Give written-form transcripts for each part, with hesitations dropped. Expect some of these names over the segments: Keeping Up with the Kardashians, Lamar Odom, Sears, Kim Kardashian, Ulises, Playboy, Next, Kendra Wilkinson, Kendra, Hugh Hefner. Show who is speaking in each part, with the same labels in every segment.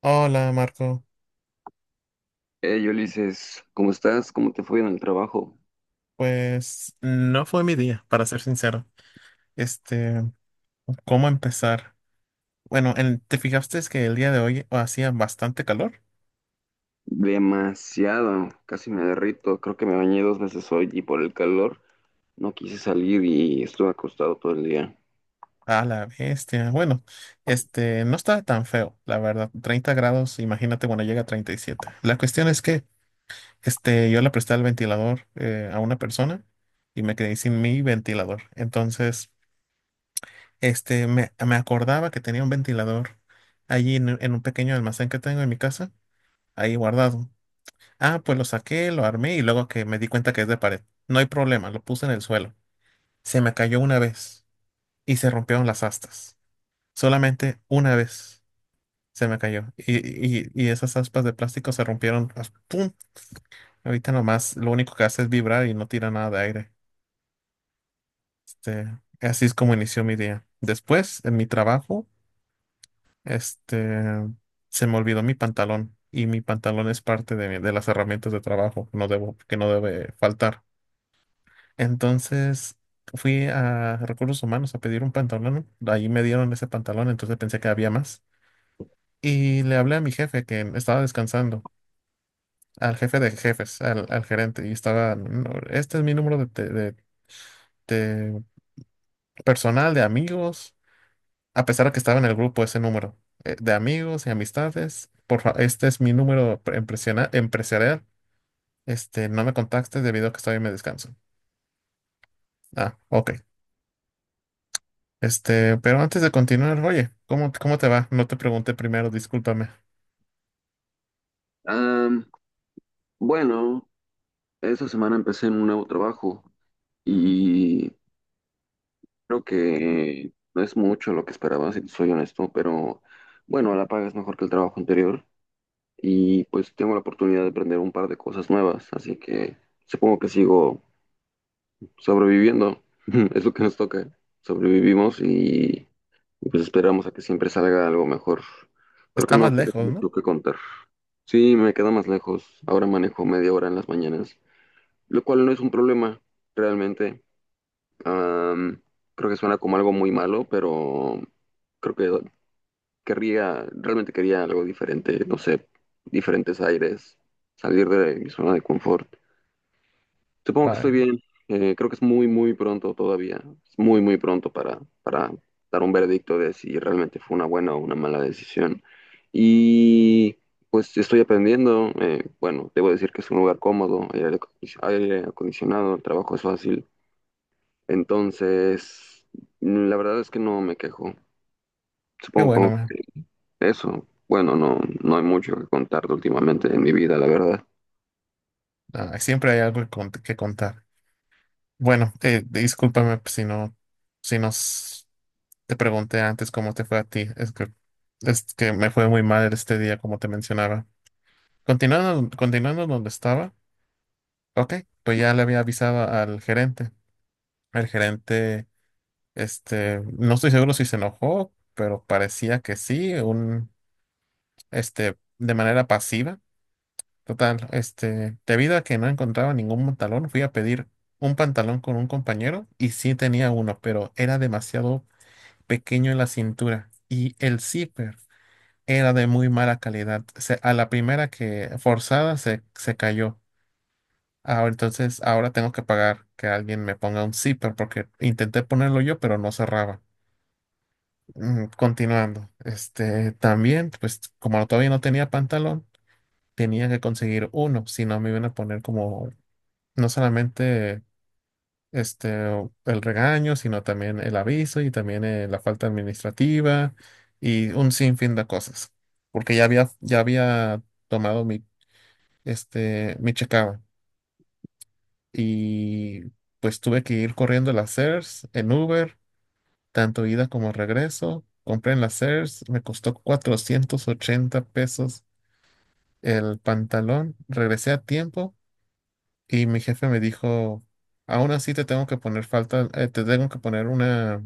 Speaker 1: Hola Marco,
Speaker 2: Hey Ulises, ¿cómo estás? ¿Cómo te fue en el trabajo?
Speaker 1: pues no fue mi día, para ser sincero. Este, ¿Cómo empezar? Bueno, ¿te fijaste que el día de hoy hacía bastante calor?
Speaker 2: Demasiado, casi me derrito. Creo que me bañé dos veces hoy y por el calor no quise salir y estuve acostado todo el día.
Speaker 1: A la bestia. Bueno, no estaba tan feo, la verdad. 30 grados, imagínate cuando llega a 37. La cuestión es que, yo le presté el ventilador a una persona y me quedé sin mi ventilador. Entonces, me acordaba que tenía un ventilador allí en un pequeño almacén que tengo en mi casa, ahí guardado. Ah, pues lo saqué, lo armé y luego que me di cuenta que es de pared. No hay problema, lo puse en el suelo. Se me cayó una vez y se rompieron las astas. Solamente una vez se me cayó. Y esas aspas de plástico se rompieron. ¡Pum! Ahorita nomás lo único que hace es vibrar y no tira nada de aire. Este, así es como inició mi día. Después, en mi trabajo, este, se me olvidó mi pantalón. Y mi pantalón es parte de, de las herramientas de trabajo, no debo, que no debe faltar. Entonces fui a Recursos Humanos a pedir un pantalón. Ahí me dieron ese pantalón, entonces pensé que había más. Y le hablé a mi jefe que estaba descansando, al jefe de jefes, al gerente. Y estaba, "No, este es mi número de personal, de amigos. A pesar de que estaba en el grupo ese número de amigos y amistades. Este es mi número empresarial. No me contactes debido a que estoy en mi descanso. Ah, ok. Pero antes de continuar, oye, ¿cómo te va? No te pregunté primero, discúlpame.
Speaker 2: Am, bueno, esta semana empecé en un nuevo trabajo y creo que no es mucho lo que esperaba, si te soy honesto, pero bueno, la paga es mejor que el trabajo anterior y pues tengo la oportunidad de aprender un par de cosas nuevas, así que supongo que sigo sobreviviendo. Es lo que nos toca. Sobrevivimos y, pues esperamos a que siempre salga algo mejor. Creo que
Speaker 1: Está más
Speaker 2: no tengo
Speaker 1: lejos, ¿no?
Speaker 2: mucho que contar. Sí, me queda más lejos. Ahora manejo media hora en las mañanas, lo cual no es un problema, realmente. Am, Creo que suena como algo muy malo, pero creo que realmente quería algo diferente, no sé, diferentes aires, salir de mi zona de confort. Supongo que estoy
Speaker 1: Vaya,
Speaker 2: bien. Creo que es muy, muy pronto todavía. Es muy, muy pronto para dar un veredicto de si realmente fue una buena o una mala decisión. Y pues estoy aprendiendo. Bueno, debo decir que es un lugar cómodo, hay aire acondicionado, el trabajo es fácil. Entonces, mm, la verdad es que no me quejo.
Speaker 1: qué bueno,
Speaker 2: Supongo
Speaker 1: man.
Speaker 2: que eso, bueno, no hay mucho que contarte últimamente en mi vida, la verdad.
Speaker 1: Ah, siempre hay algo que contar. Bueno, discúlpame pues, si no, si nos te pregunté antes cómo te fue a ti. Es que me fue muy mal este día, como te mencionaba. Continuando donde estaba, ok, pues ya le había avisado al gerente. El gerente, no estoy seguro si se enojó, pero parecía que sí, de manera pasiva. Total, debido a que no encontraba ningún pantalón, fui a pedir un pantalón con un compañero y sí tenía uno, pero era demasiado pequeño en la cintura y el zipper era de muy mala calidad. A la primera que forzada se cayó. Ahora, entonces, ahora tengo que pagar que alguien me ponga un zipper porque intenté ponerlo yo, pero no cerraba. Continuando, también, pues como todavía no tenía pantalón, tenía que conseguir uno, si no me iban a poner como no solamente este el regaño, sino también el aviso y también la falta administrativa y un sinfín de cosas, porque ya había tomado mi checaba y pues tuve que ir corriendo a las CERS en Uber, tanto ida como regreso. Compré en las CERS, me costó 480 pesos el pantalón, regresé a tiempo y mi jefe me dijo, aún así te tengo que poner falta, te tengo que poner una,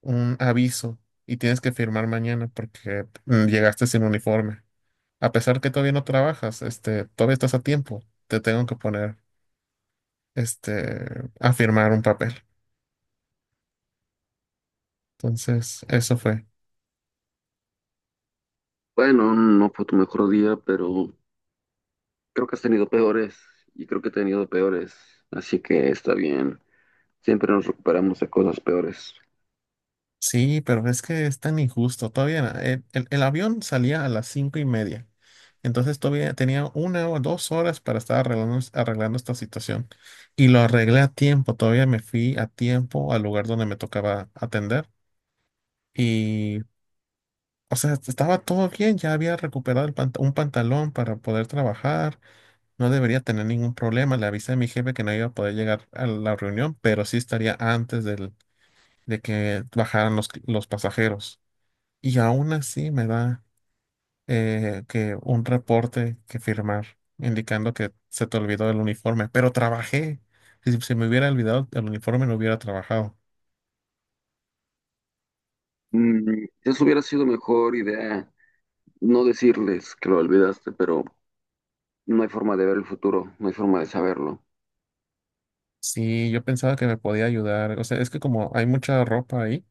Speaker 1: un aviso y tienes que firmar mañana porque llegaste sin uniforme. A pesar que todavía no trabajas, todavía estás a tiempo, te tengo que poner, este, a firmar un papel. Entonces, eso fue.
Speaker 2: Bueno, no fue tu mejor día, pero creo que has tenido peores y creo que he tenido peores, así que está bien. Siempre nos recuperamos de cosas peores.
Speaker 1: Sí, pero es que es tan injusto. Todavía el avión salía a las 5:30. Entonces todavía tenía 1 o 2 horas para estar arreglando, arreglando esta situación. Y lo arreglé a tiempo. Todavía me fui a tiempo al lugar donde me tocaba atender. Y, o sea, estaba todo bien. Ya había recuperado el un pantalón para poder trabajar. No debería tener ningún problema. Le avisé a mi jefe que no iba a poder llegar a la reunión, pero sí estaría antes de que bajaran los pasajeros. Y aún así me da que un reporte que firmar indicando que se te olvidó el uniforme, pero trabajé. Si se me hubiera olvidado el uniforme, no hubiera trabajado.
Speaker 2: Mm, eso hubiera sido mejor idea, no decirles que lo olvidaste, pero no hay forma de ver el futuro, no hay forma de saberlo.
Speaker 1: Sí, yo pensaba que me podía ayudar. O sea, es que como hay mucha ropa ahí,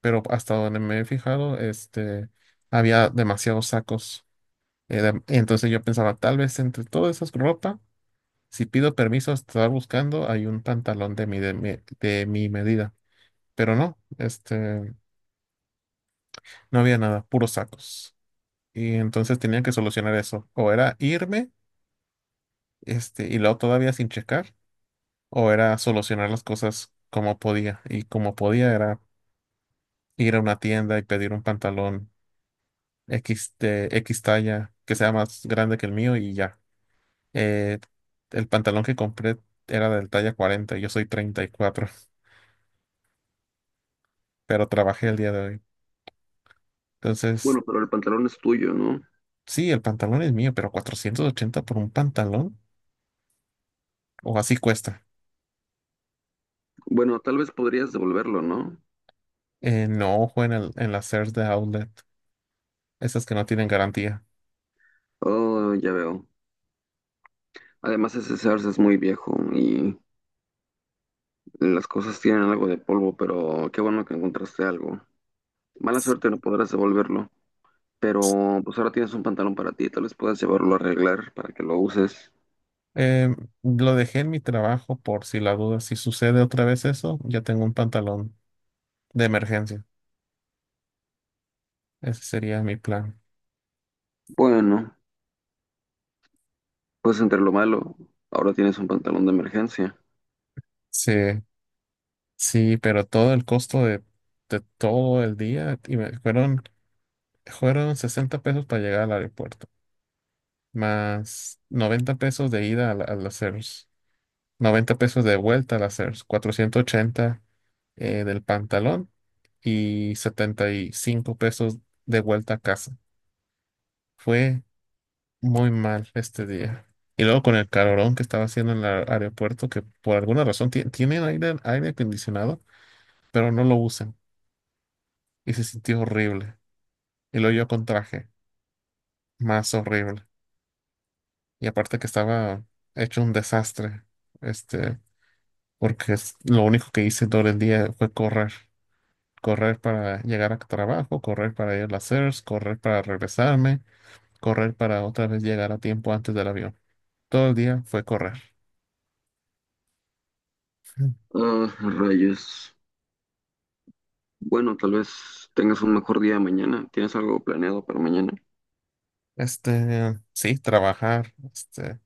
Speaker 1: pero hasta donde me he fijado, había demasiados sacos. Entonces yo pensaba, tal vez entre todas esas ropa, si pido permiso a estar buscando, hay un pantalón de mi medida. Pero no. No había nada, puros sacos. Y entonces tenían que solucionar eso. O era irme, y luego todavía sin checar, o era solucionar las cosas como podía. Y como podía era ir a una tienda y pedir un pantalón X de X talla que sea más grande que el mío y ya. Eh, el pantalón que compré era del talla 40 yo soy 34 pero trabajé el día de hoy. Entonces,
Speaker 2: Bueno, pero el pantalón es tuyo, ¿no?
Speaker 1: sí, el pantalón es mío, pero 480 por un pantalón, o así cuesta.
Speaker 2: Bueno, tal vez podrías devolverlo, ¿no?
Speaker 1: No, fue en las CERS de Outlet, esas que no tienen garantía.
Speaker 2: Oh, ya veo. Además, ese Sears es muy viejo y las cosas tienen algo de polvo, pero qué bueno que encontraste algo. Mala
Speaker 1: Sí.
Speaker 2: suerte, no podrás devolverlo. Pero pues ahora tienes un pantalón para ti, tal vez puedas llevarlo a arreglar para que lo uses.
Speaker 1: Em, lo dejé en mi trabajo por si la duda, si sucede otra vez eso, ya tengo un pantalón de emergencia. Ese sería mi plan.
Speaker 2: Bueno, pues entre lo malo, ahora tienes un pantalón de emergencia.
Speaker 1: Sí, sí, pero todo el costo de todo el día fueron 60 pesos para llegar al aeropuerto, más 90 pesos de ida a las CERS, 90 pesos de vuelta a las CERs, 480. Del pantalón y 75 pesos de vuelta a casa. Fue muy mal este día. Y luego con el calorón que estaba haciendo en el aeropuerto, que por alguna razón tienen aire acondicionado, pero no lo usan. Y se sintió horrible. Y luego yo con traje, más horrible. Y aparte que estaba hecho un desastre, este, porque lo único que hice todo el día fue correr. Correr para llegar a trabajo, correr para ir a las CERS, correr para regresarme correr para otra vez llegar a tiempo antes del avión. Todo el día fue correr. Mm.
Speaker 2: Ah, rayos. Bueno, tal vez tengas un mejor día mañana. ¿Tienes algo planeado para mañana?
Speaker 1: Sí, trabajar,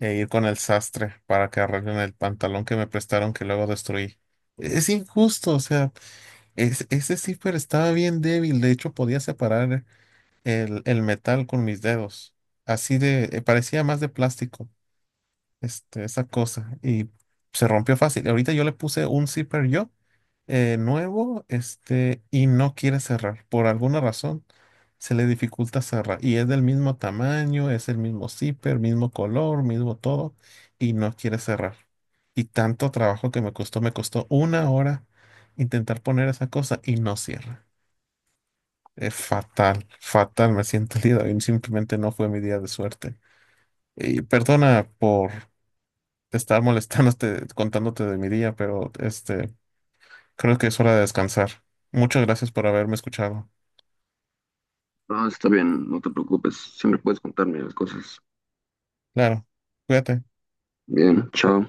Speaker 1: e ir con el sastre para que arreglen el pantalón que me prestaron que luego destruí. Es injusto, o sea, ese zipper estaba bien débil, de hecho podía separar el metal con mis dedos. Así de, parecía más de plástico, esa cosa, y se rompió fácil. Ahorita yo le puse un zipper yo nuevo, y no quiere cerrar. Por alguna razón se le dificulta cerrar. Y es del mismo tamaño, es el mismo zipper, mismo color, mismo todo, y no quiere cerrar. Y tanto trabajo que me costó 1 hora intentar poner esa cosa y no cierra. Es fatal, fatal, me siento el día de hoy. Simplemente no fue mi día de suerte. Y perdona por estar molestándote, contándote de mi día, pero. Creo que es hora de descansar. Muchas gracias por haberme escuchado.
Speaker 2: Ah, está bien, no te preocupes. Siempre puedes contarme las cosas.
Speaker 1: Claro, cuídate.
Speaker 2: Bien, chao.